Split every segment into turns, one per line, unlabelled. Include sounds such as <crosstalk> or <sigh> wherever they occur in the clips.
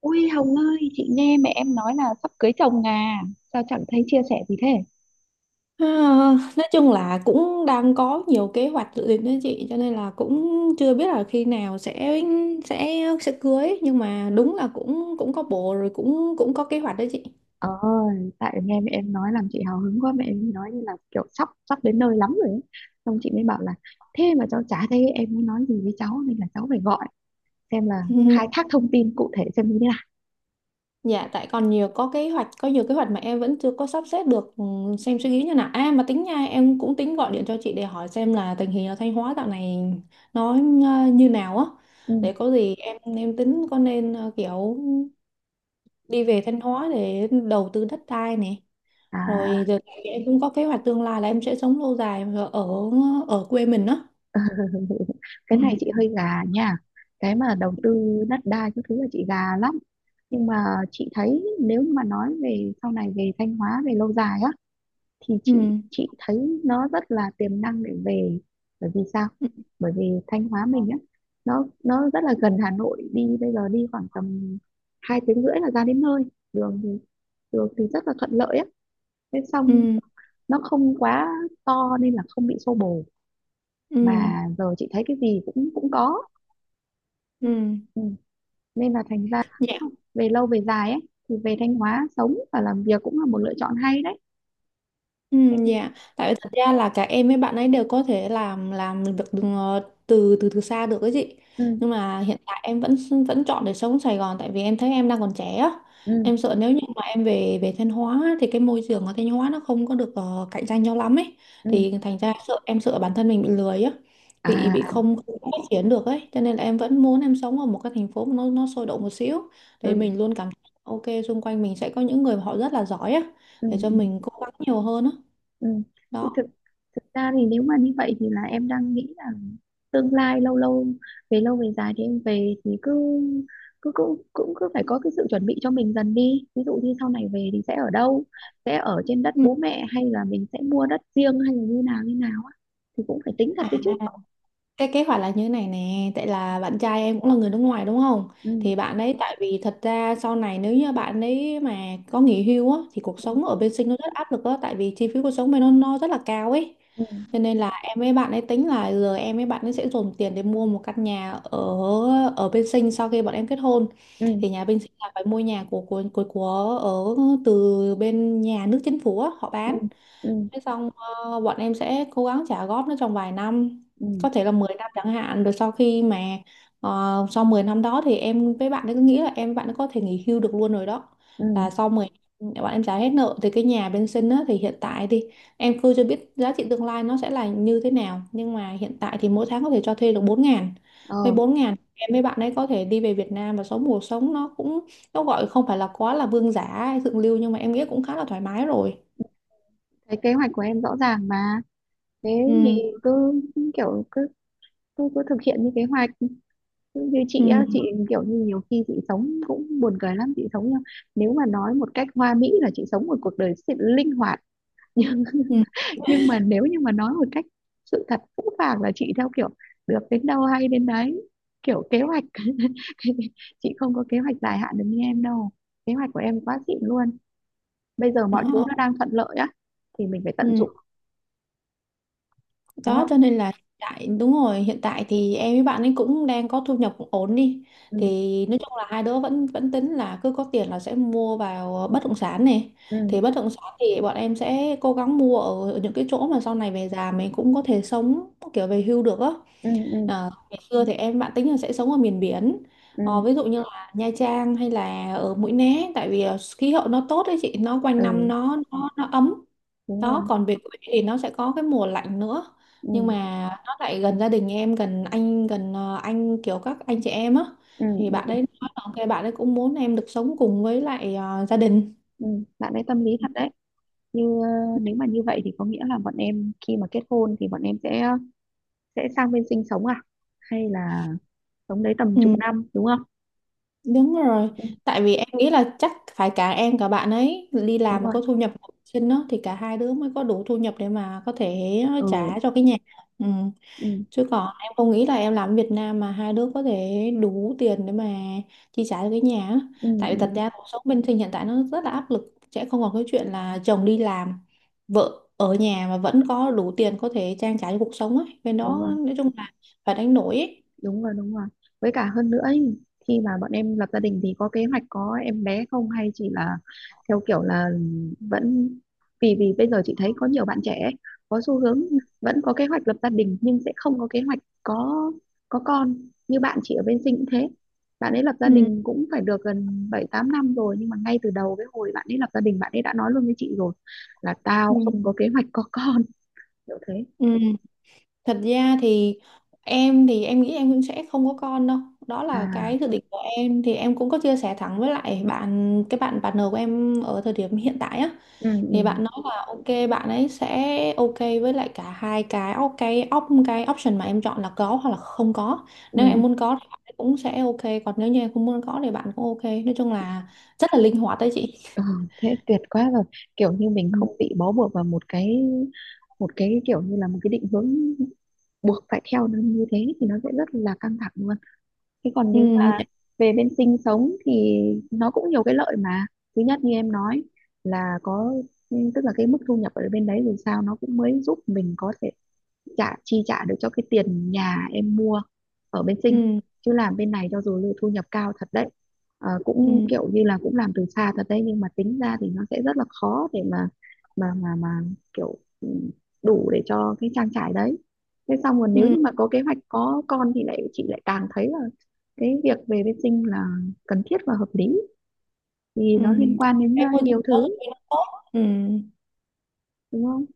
Ui Hồng ơi, chị nghe mẹ em nói là sắp cưới chồng à, sao chẳng thấy chia sẻ gì thế?
À, nói chung là cũng đang có nhiều kế hoạch dự định đó chị, cho nên là cũng chưa biết là khi nào sẽ cưới, nhưng mà đúng là cũng cũng có bồ rồi, cũng cũng có kế hoạch đó chị. <laughs>
Ờ, Tại nghe mẹ em nói làm chị hào hứng quá, mẹ em nói như là kiểu sắp sắp đến nơi lắm rồi ấy. Xong chị mới bảo là thế mà cháu chả thấy em mới nói gì với cháu, nên là cháu phải gọi xem là,
Ừ.
khai thác thông tin cụ thể xem như thế nào.
Dạ, tại còn nhiều có kế hoạch, có nhiều kế hoạch mà em vẫn chưa có sắp xếp được, xem suy nghĩ như nào. À mà tính nha, em cũng tính gọi điện cho chị để hỏi xem là tình hình ở Thanh Hóa dạo này nó như nào á,
Ừ.
để có gì em tính có nên kiểu đi về Thanh Hóa để đầu tư đất đai nè,
À,
rồi giờ em cũng có kế hoạch tương lai là em sẽ sống lâu dài ở ở quê mình đó.
cái
Ừ.
này chị hơi gà nha, cái mà đầu tư đất đai cái thứ là chị gà lắm, nhưng mà chị thấy nếu như mà nói về sau này về Thanh Hóa về lâu dài á thì
Ừ.
chị thấy nó rất là tiềm năng để về. Bởi vì sao?
Ừ.
Bởi vì Thanh Hóa mình á, nó rất là gần Hà Nội, đi bây giờ đi khoảng tầm 2 tiếng rưỡi là ra đến nơi. Đường thì, rất là thuận lợi á, thế xong
Ừ.
nó không quá to nên là không bị xô bồ,
Ừ.
mà giờ chị thấy cái gì cũng cũng có.
Ừ.
Ừ. Nên là thành ra
Dạ.
về lâu về dài ấy, thì về Thanh Hóa sống và làm việc cũng là một lựa chọn hay đấy
Ừ,
em.
dạ, tại vì thật ra là cả em với bạn ấy đều có thể làm việc từ từ xa được cái gì.
Ừ,
Nhưng mà hiện tại em vẫn vẫn chọn để sống Sài Gòn, tại vì em thấy em đang còn trẻ á.
ừ,
Em sợ nếu như mà em về về Thanh Hóa á, thì cái môi trường ở Thanh Hóa nó không có được cạnh tranh nhau lắm ấy.
ừ,
Thì thành ra sợ, em sợ bản thân mình bị lười á,
à,
bị
à,
không, không phát triển được ấy. Cho nên là em vẫn muốn em sống ở một cái thành phố mà nó sôi động một xíu, để
ừ,
mình luôn cảm thấy ok xung quanh mình sẽ có những người mà họ rất là giỏi á,
ừ,
để cho
ừ.
mình cố gắng nhiều hơn á,
Ừ. Thì
đó.
thực thực ra thì nếu mà như vậy thì là em đang nghĩ là tương lai lâu lâu, về lâu về dài thì em về thì cứ cứ cũng cũng cứ phải có cái sự chuẩn bị cho mình dần đi, ví dụ như sau này về thì sẽ ở đâu, sẽ ở trên đất
Ừ.
bố mẹ hay là mình sẽ mua đất riêng hay là như nào á, thì cũng phải tính thật
À,
đấy chứ.
cái kế hoạch là như thế này nè, tại là bạn trai em cũng là người nước ngoài đúng không,
Ừ,
thì bạn ấy, tại vì thật ra sau này nếu như bạn ấy mà có nghỉ hưu á, thì cuộc sống ở bên Sinh nó rất áp lực á, tại vì chi phí cuộc sống bên nó rất là cao ấy.
ừ,
Cho nên là em với bạn ấy tính là giờ em với bạn ấy sẽ dồn tiền để mua một căn nhà ở ở bên Sinh sau khi bọn em kết hôn.
ừ,
Thì nhà bên Sinh là phải mua nhà của ở từ bên nhà nước chính phủ á, họ
ừ,
bán.
ừ,
Thế xong bọn em sẽ cố gắng trả góp nó trong vài năm,
ừ,
có thể là 10 năm chẳng hạn, rồi sau khi mà sau 10 năm đó thì em với bạn ấy cứ nghĩ là em với bạn ấy có thể nghỉ hưu được luôn rồi đó.
ừ,
Là sau 10 năm bọn em trả hết nợ thì cái nhà bên sinh á, thì hiện tại thì em cứ chưa biết giá trị tương lai nó sẽ là như thế nào, nhưng mà hiện tại thì mỗi tháng có thể cho thuê được 4 ngàn.
ờ.
Với 4 ngàn em với bạn ấy có thể đi về Việt Nam và sống cuộc sống nó cũng, nó gọi không phải là quá là vương giả hay thượng lưu, nhưng mà em nghĩ cũng khá là thoải mái rồi.
Cái kế hoạch của em rõ ràng mà. Thế
Ừ.
thì cứ cứ kiểu cứ cứ cứ thực hiện như kế hoạch. Như chị á,
Ừ.
chị kiểu như nhiều khi chị sống cũng buồn cười lắm, chị sống nhá. Nếu mà nói một cách hoa mỹ là chị sống một cuộc đời sự linh hoạt, nhưng
Ừ.
<laughs> nhưng mà nếu như mà nói một cách sự thật phũ phàng là chị theo kiểu được đến đâu hay đến đấy, kiểu kế hoạch <laughs> chị không có kế hoạch dài hạn được như em đâu. Kế hoạch của em quá xịn luôn. Bây giờ mọi thứ
Ờ,
nó đang thuận lợi á thì mình phải tận
ừ.
dụng, đúng
Đó, cho
không?
nên là hiện tại, đúng rồi, hiện tại thì em với bạn ấy cũng đang có thu nhập cũng ổn đi,
Ừ,
thì nói chung là hai đứa vẫn vẫn tính là cứ có tiền là sẽ mua vào bất động sản này.
ừ,
Thì bất động sản thì bọn em sẽ cố gắng mua ở những cái chỗ mà sau này về già mình cũng có thể sống kiểu về hưu được á.
ừ, ừ,
À, ngày xưa thì em bạn tính là sẽ sống ở miền biển.
ừ,
Ờ, ví dụ như là Nha Trang hay là ở Mũi Né, tại vì khí hậu nó tốt đấy chị, nó quanh
ừ,
năm nó ấm.
đúng
Đó,
rồi,
còn về quê thì nó sẽ có cái mùa lạnh nữa, nhưng
ừ,
mà nó lại gần gia đình em, gần anh, gần anh kiểu các anh chị em á.
ừ,
Thì bạn ấy
ừ,
nói là ok, bạn ấy cũng muốn em được sống cùng với lại gia đình.
ừ. Bạn ấy tâm lý thật đấy. Như, nếu mà như vậy thì có nghĩa là bọn em khi mà kết hôn thì bọn em sẽ sang bên sinh sống à, hay là sống đấy tầm chục
Ừ,
năm, đúng không?
đúng rồi.
Ừ,
Tại vì em nghĩ là chắc phải cả em cả bạn ấy đi
đúng
làm mà
rồi,
có thu nhập ổn định á, thì cả hai đứa mới có đủ thu nhập để mà có thể
ừ,
trả cho cái nhà. Ừ.
ừ,
Chứ còn em không nghĩ là em làm ở Việt Nam mà hai đứa có thể đủ tiền để mà chi trả cho cái nhà á.
ừ,
Tại vì thật
ừ,
ra cuộc sống bên sinh hiện tại nó rất là áp lực, sẽ không còn cái chuyện là chồng đi làm, vợ ở nhà mà vẫn có đủ tiền có thể trang trải cho cuộc sống ấy. Bên
đúng
đó
rồi,
nói chung là phải đánh đổi ấy.
đúng rồi, đúng rồi. Với cả hơn nữa ý, khi mà bọn em lập gia đình thì có kế hoạch có em bé không hay chỉ là theo kiểu là vẫn, vì vì bây giờ chị thấy có nhiều bạn trẻ có xu hướng
Ừ,
vẫn có kế hoạch lập gia đình nhưng sẽ không có kế hoạch có con. Như bạn chị ở bên Sinh cũng thế, bạn ấy lập gia
ừ,
đình cũng phải được gần 7-8 năm rồi, nhưng mà ngay từ đầu cái hồi bạn ấy lập gia đình bạn ấy đã nói luôn với chị rồi là tao
ừ.
không có kế hoạch có con, kiểu thế.
Ừ. Thật ra thì em nghĩ em cũng sẽ không có con đâu, đó là cái
À,
dự định của em, thì em cũng có chia sẻ thẳng với lại bạn, cái bạn partner của em ở thời điểm hiện tại á,
ừ,
thì
ừ,
bạn nói là ok, bạn ấy sẽ ok với lại cả hai cái cái op, cái option mà em chọn là có hoặc là không có. Nếu em
ừ.
muốn có thì bạn ấy cũng sẽ ok, còn nếu như em không muốn có thì bạn cũng ok, nói chung là rất là linh hoạt đấy chị.
Ừ, thế tuyệt quá rồi, kiểu như mình
Ừ.
không bị bó buộc vào một cái, kiểu như là một cái định hướng buộc phải theo nó như thế thì nó sẽ rất là căng thẳng luôn. Thế còn
Ừ.
nếu mà về bên sinh sống thì nó cũng nhiều cái lợi mà. Thứ nhất như em nói là có, tức là cái mức thu nhập ở bên đấy dù sao nó cũng mới giúp mình có thể trả, chi trả được cho cái tiền nhà em mua ở bên Sinh.
Ừ.
Chứ làm bên này cho dù thu nhập cao thật đấy, ờ, cũng
Ừ.
kiểu như là cũng làm từ xa thật đấy, nhưng mà tính ra thì nó sẽ rất là khó để mà kiểu, đủ để cho cái trang trải đấy. Thế xong rồi nếu
Ừ.
như mà có kế hoạch có con thì lại chị lại càng thấy là cái việc về bên sinh là cần thiết và hợp lý, vì
Ừ.
nó liên quan đến, à,
Em, môi trường
nhiều
giáo dục
thứ,
thì nó tốt. Ừ.
đúng không?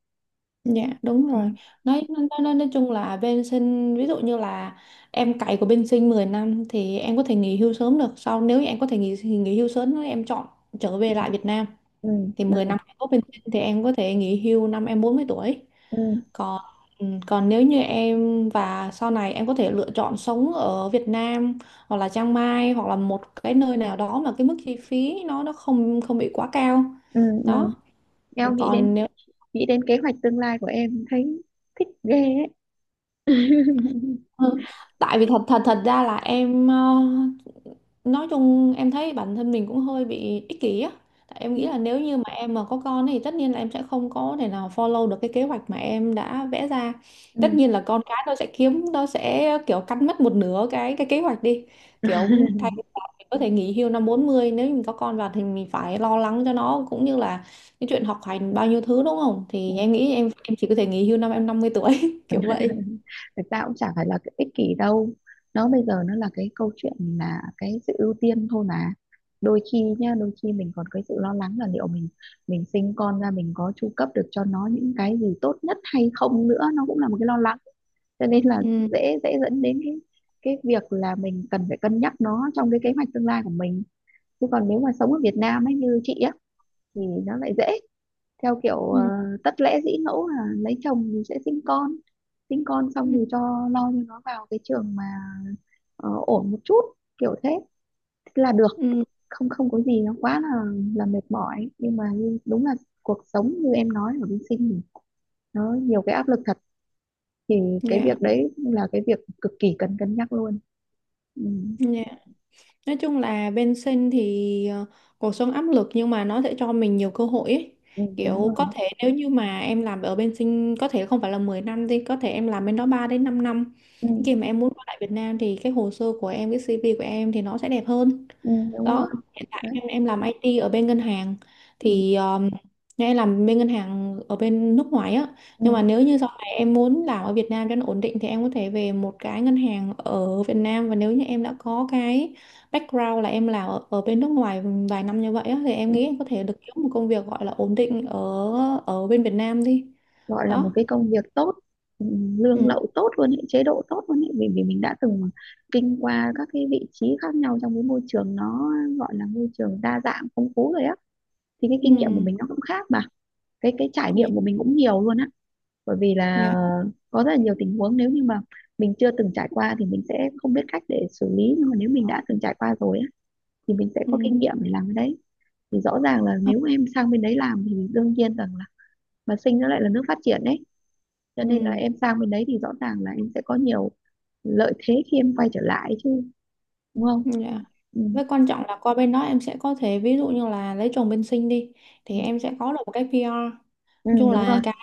Dạ đúng
Ừ,
rồi. Nói nói chung là bên sinh ví dụ như là em cày của bên sinh 10 năm, thì em có thể nghỉ hưu sớm được. Sau nếu như em có thể nghỉ nghỉ hưu sớm, nếu em chọn trở về lại Việt Nam,
ừ,
thì
ừ,
mười năm em có bên sinh thì em có thể nghỉ hưu năm em 40 tuổi.
ừ,
Còn ừ, còn nếu như em và sau này em có thể lựa chọn sống ở Việt Nam, hoặc là Chiang Mai, hoặc là một cái nơi nào đó mà cái mức chi phí nó không, không bị quá cao,
ừ, ừ.
đó.
Em
Còn nếu.
nghĩ đến kế hoạch tương lai của em thấy thích ghê ấy. <laughs>
Ừ. Tại vì thật thật thật ra là em nói chung em thấy bản thân mình cũng hơi bị ích kỷ á. Tại em nghĩ là nếu như mà em mà có con thì tất nhiên là em sẽ không có thể nào follow được cái kế hoạch mà em đã vẽ ra.
Ừ,
Tất nhiên là con cái nó sẽ kiếm, nó sẽ kiểu cắn mất một nửa cái kế hoạch đi. Kiểu thay vì là mình có thể nghỉ hưu năm bốn mươi, nếu như mình có con vào thì mình phải lo lắng cho nó cũng như là cái chuyện học hành bao nhiêu thứ, đúng không? Thì em nghĩ em chỉ có thể nghỉ hưu năm em năm mươi tuổi <laughs> kiểu vậy.
thực ra cũng chả phải là cái ích kỷ đâu, nó bây giờ nó là cái câu chuyện, là cái sự ưu tiên thôi mà. Đôi khi nhá, đôi khi mình còn cái sự lo lắng là liệu mình, sinh con ra mình có chu cấp được cho nó những cái gì tốt nhất hay không nữa, nó cũng là một cái lo lắng. Cho nên là
Ừ.
dễ dễ dẫn đến cái việc là mình cần phải cân nhắc nó trong cái kế hoạch tương lai của mình. Chứ còn nếu mà sống ở Việt Nam ấy như chị á, thì nó lại dễ theo kiểu,
Ừ.
tất lễ dĩ ngẫu là lấy chồng thì sẽ sinh con, sinh con xong thì lo cho nó vào cái trường mà, ổn một chút kiểu thế là được.
Ừ.
Không không có gì nó quá là mệt mỏi, nhưng mà như, đúng là cuộc sống như em nói ở bên sinh thì nó nhiều cái áp lực thật, thì cái
Dạ,
việc đấy là cái việc cực kỳ cần cân nhắc luôn. Ừ,
dạ. Nói chung là bên sinh thì cuộc sống áp lực, nhưng mà nó sẽ cho mình nhiều cơ hội ấy.
ừ, đúng
Kiểu
rồi,
có thể nếu như mà em làm ở bên sinh, có thể không phải là 10 năm thì có thể em làm bên đó 3 đến 5 năm.
ừ,
Khi mà em muốn quay lại Việt Nam thì cái hồ sơ của em, cái CV của em thì nó sẽ đẹp hơn.
ừ, đúng rồi
Đó, hiện tại
đấy,
em làm IT ở bên ngân hàng
ừ,
thì em làm bên ngân hàng ở bên nước ngoài á,
ừ.
nhưng mà nếu như sau này em muốn làm ở Việt Nam cho nó ổn định thì em có thể về một cái ngân hàng ở Việt Nam. Và nếu như em đã có cái background là em làm ở bên nước ngoài vài năm như vậy á, thì em
Ừ.
nghĩ em có thể được kiếm một công việc gọi là ổn định ở ở bên Việt Nam đi,
Gọi là một
đó.
cái công việc tốt. Lương
Ừ.
lậu tốt luôn ấy, chế độ tốt luôn ấy, vì vì mình đã từng kinh qua các cái vị trí khác nhau trong cái môi trường nó gọi là môi trường đa dạng phong phú rồi á, thì cái kinh nghiệm của
Ừ.
mình nó cũng khác mà, cái trải
Dạ.
nghiệm của mình cũng nhiều luôn á, bởi vì là
Dạ.
có rất là nhiều tình huống nếu như mà mình chưa từng trải qua thì mình sẽ không biết cách để xử lý, nhưng mà nếu mình đã từng trải qua rồi á thì mình sẽ có
Ừ.
kinh nghiệm để làm cái đấy. Thì rõ ràng là nếu em sang bên đấy làm thì đương nhiên rằng là, mà sinh nó lại là nước phát triển đấy cho nên là
Ừ.
em sang bên đấy thì rõ ràng là em sẽ có nhiều lợi thế khi em quay trở lại chứ, đúng không?
Dạ.
Ừ,
Với quan trọng là qua bên đó em sẽ có thể ví dụ như là lấy chồng bên sinh đi,
ừ,
thì em sẽ có được một cái PR. Nói
ừ,
chung
đúng rồi,
là cái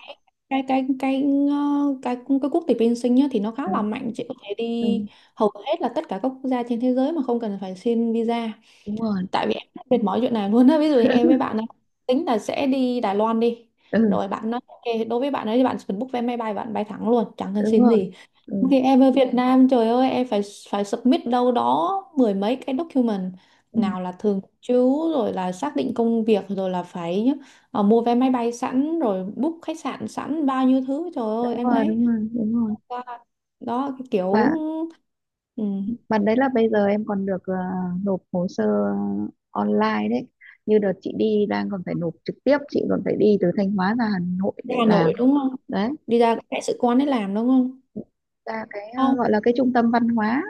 cái cái cái ờ, cái cái quốc tịch bên sinh nhá, thì nó khá
ừ,
là mạnh, chị có thể
ừ,
đi hầu hết là tất cả các quốc gia trên thế giới mà không cần phải xin visa.
đúng rồi,
Tại vì em rất mệt mỏi chuyện này luôn á. Ví dụ như em với bạn ấy tính là sẽ đi Đài Loan đi.
ừ,
Rồi bạn nói ok, đối với bạn ấy thì bạn chỉ cần book vé máy bay, bạn bay thẳng luôn, chẳng cần
đúng
xin
rồi,
gì.
ừ,
Thì em ở Việt Nam, trời ơi, em phải phải submit đâu đó mười mấy cái document,
ừ,
nào là thường trú, rồi là xác định công việc, rồi là phải mua vé máy bay sẵn, rồi book khách sạn sẵn, bao nhiêu thứ, trời ơi
đúng
em
rồi,
thấy,
đúng rồi, đúng rồi.
đó, đó cái kiểu.
và
ừ,
và đấy là bây giờ em còn được, nộp hồ sơ online đấy, như đợt chị đi đang còn phải nộp trực tiếp, chị còn phải đi từ Thanh Hóa ra Hà Nội để
Hà Nội
làm
đúng không,
đấy,
đi ra cái đại sứ quán để làm đúng không.
ra cái,
Không.
gọi là cái trung tâm văn hóa,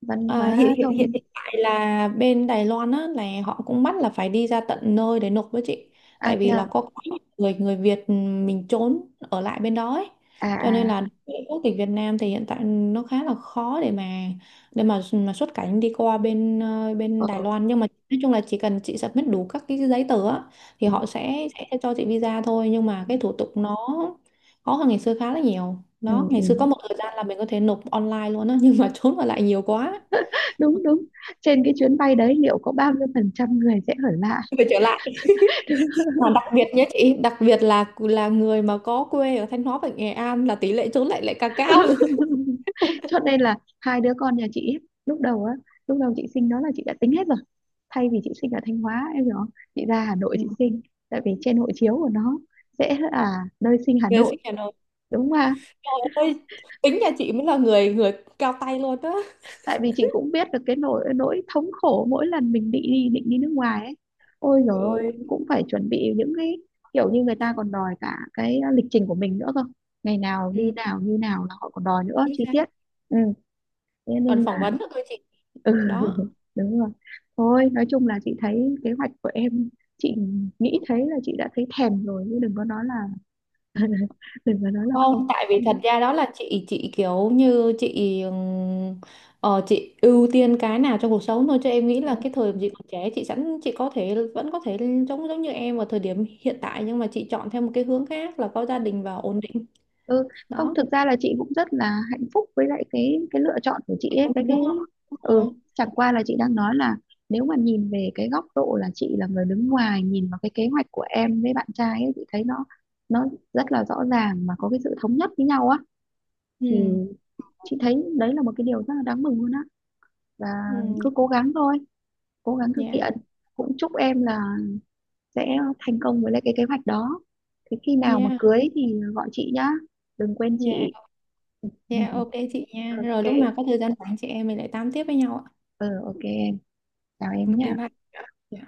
văn hóa
À, hiện hiện hiện
thông.
hiện tại là bên Đài Loan á là họ cũng bắt là phải đi ra tận nơi để nộp với chị,
A,
tại
thế
vì
à?
là có quá nhiều người người Việt, ừ, mình trốn ở lại bên đó ấy,
À,
cho nên
à,
là đối với quốc tịch Việt Nam thì hiện tại nó khá là khó để mà xuất cảnh đi qua bên
ờ,
bên Đài Loan. Nhưng mà nói chung là chỉ cần chị submit đủ các cái giấy tờ á, thì
ừ.
họ sẽ cho chị visa thôi, nhưng mà
Ừ.
cái thủ tục nó khó hơn ngày xưa khá là nhiều
Ừ,
đó. Ngày xưa có
ừ.
một thời gian là mình có thể nộp online luôn á <laughs> nhưng mà trốn ở lại nhiều quá.
Đúng, đúng. Trên cái chuyến bay đấy liệu có bao nhiêu phần trăm người sẽ ở lại?
Về trở lại, mà đặc biệt nhé chị, đặc biệt là người mà có quê ở Thanh Hóa và Nghệ An là tỷ lệ trốn lại lại càng cao.
<laughs> Cho nên là hai đứa con nhà chị ấy, lúc đầu á, lúc đầu chị sinh đó là chị đã tính hết rồi. Thay vì chị sinh ở Thanh Hóa, em hiểu không, chị ra Hà Nội
Ừ.
chị sinh, tại vì trên hộ chiếu của nó sẽ là nơi sinh Hà
Người
Nội,
sinh nhà nào,
đúng không?
trời ơi, tính nhà chị mới là người người cao tay luôn đó.
Tại vì chị cũng biết được cái nỗi nỗi thống khổ mỗi lần mình định đi, nước ngoài ấy, ôi giời
Ừ.
ơi cũng phải chuẩn bị những cái kiểu như người ta còn đòi cả cái lịch trình của mình nữa cơ, ngày nào đi
Ừ.
nào như nào là họ còn đòi nữa
Chính
chi
xác.
tiết. Ừ, thế
Còn
nên
phỏng
là
vấn nữa cơ chị,
<laughs> ừ,
đó.
đúng rồi. Thôi nói chung là chị thấy kế hoạch của em, chị nghĩ thấy là chị đã thấy thèm rồi chứ đừng có nói là, <laughs> đừng có nói là không.
Không, tại vì thật
Ừ.
ra đó là chị kiểu như chị chị ưu tiên cái nào trong cuộc sống thôi. Cho em nghĩ là cái thời điểm chị còn trẻ, chị sẵn, chị có thể vẫn có thể giống giống như em ở thời điểm hiện tại, nhưng mà chị chọn theo một cái hướng khác là có gia đình và ổn định,
Ừ, không,
đó.
thực ra là chị cũng rất là hạnh phúc với lại cái lựa chọn của chị ấy,
Ừ,
cái
đúng
ừ
rồi.
chẳng qua là chị đang nói là nếu mà nhìn về cái góc độ là chị là người đứng ngoài nhìn vào cái kế hoạch của em với bạn trai ấy, chị thấy nó rất là rõ ràng mà có cái sự thống nhất với nhau á, thì
Ừ.
chị thấy đấy là một cái điều rất là đáng mừng luôn á, và cứ
Ừ.
cố gắng thôi, cố gắng thực
Dạ.
hiện, cũng chúc em là sẽ thành công với lại cái kế hoạch đó. Thế khi nào mà
Dạ.
cưới thì gọi chị nhá, đừng quên chị.
Dạ. Dạ ok
<laughs>
chị nha, rồi
Ok,
lúc nào có thời gian rảnh chị em mình lại tám tiếp với nhau ạ.
ừ, ok em, chào em
Ok
nhé.
bye. Dạ.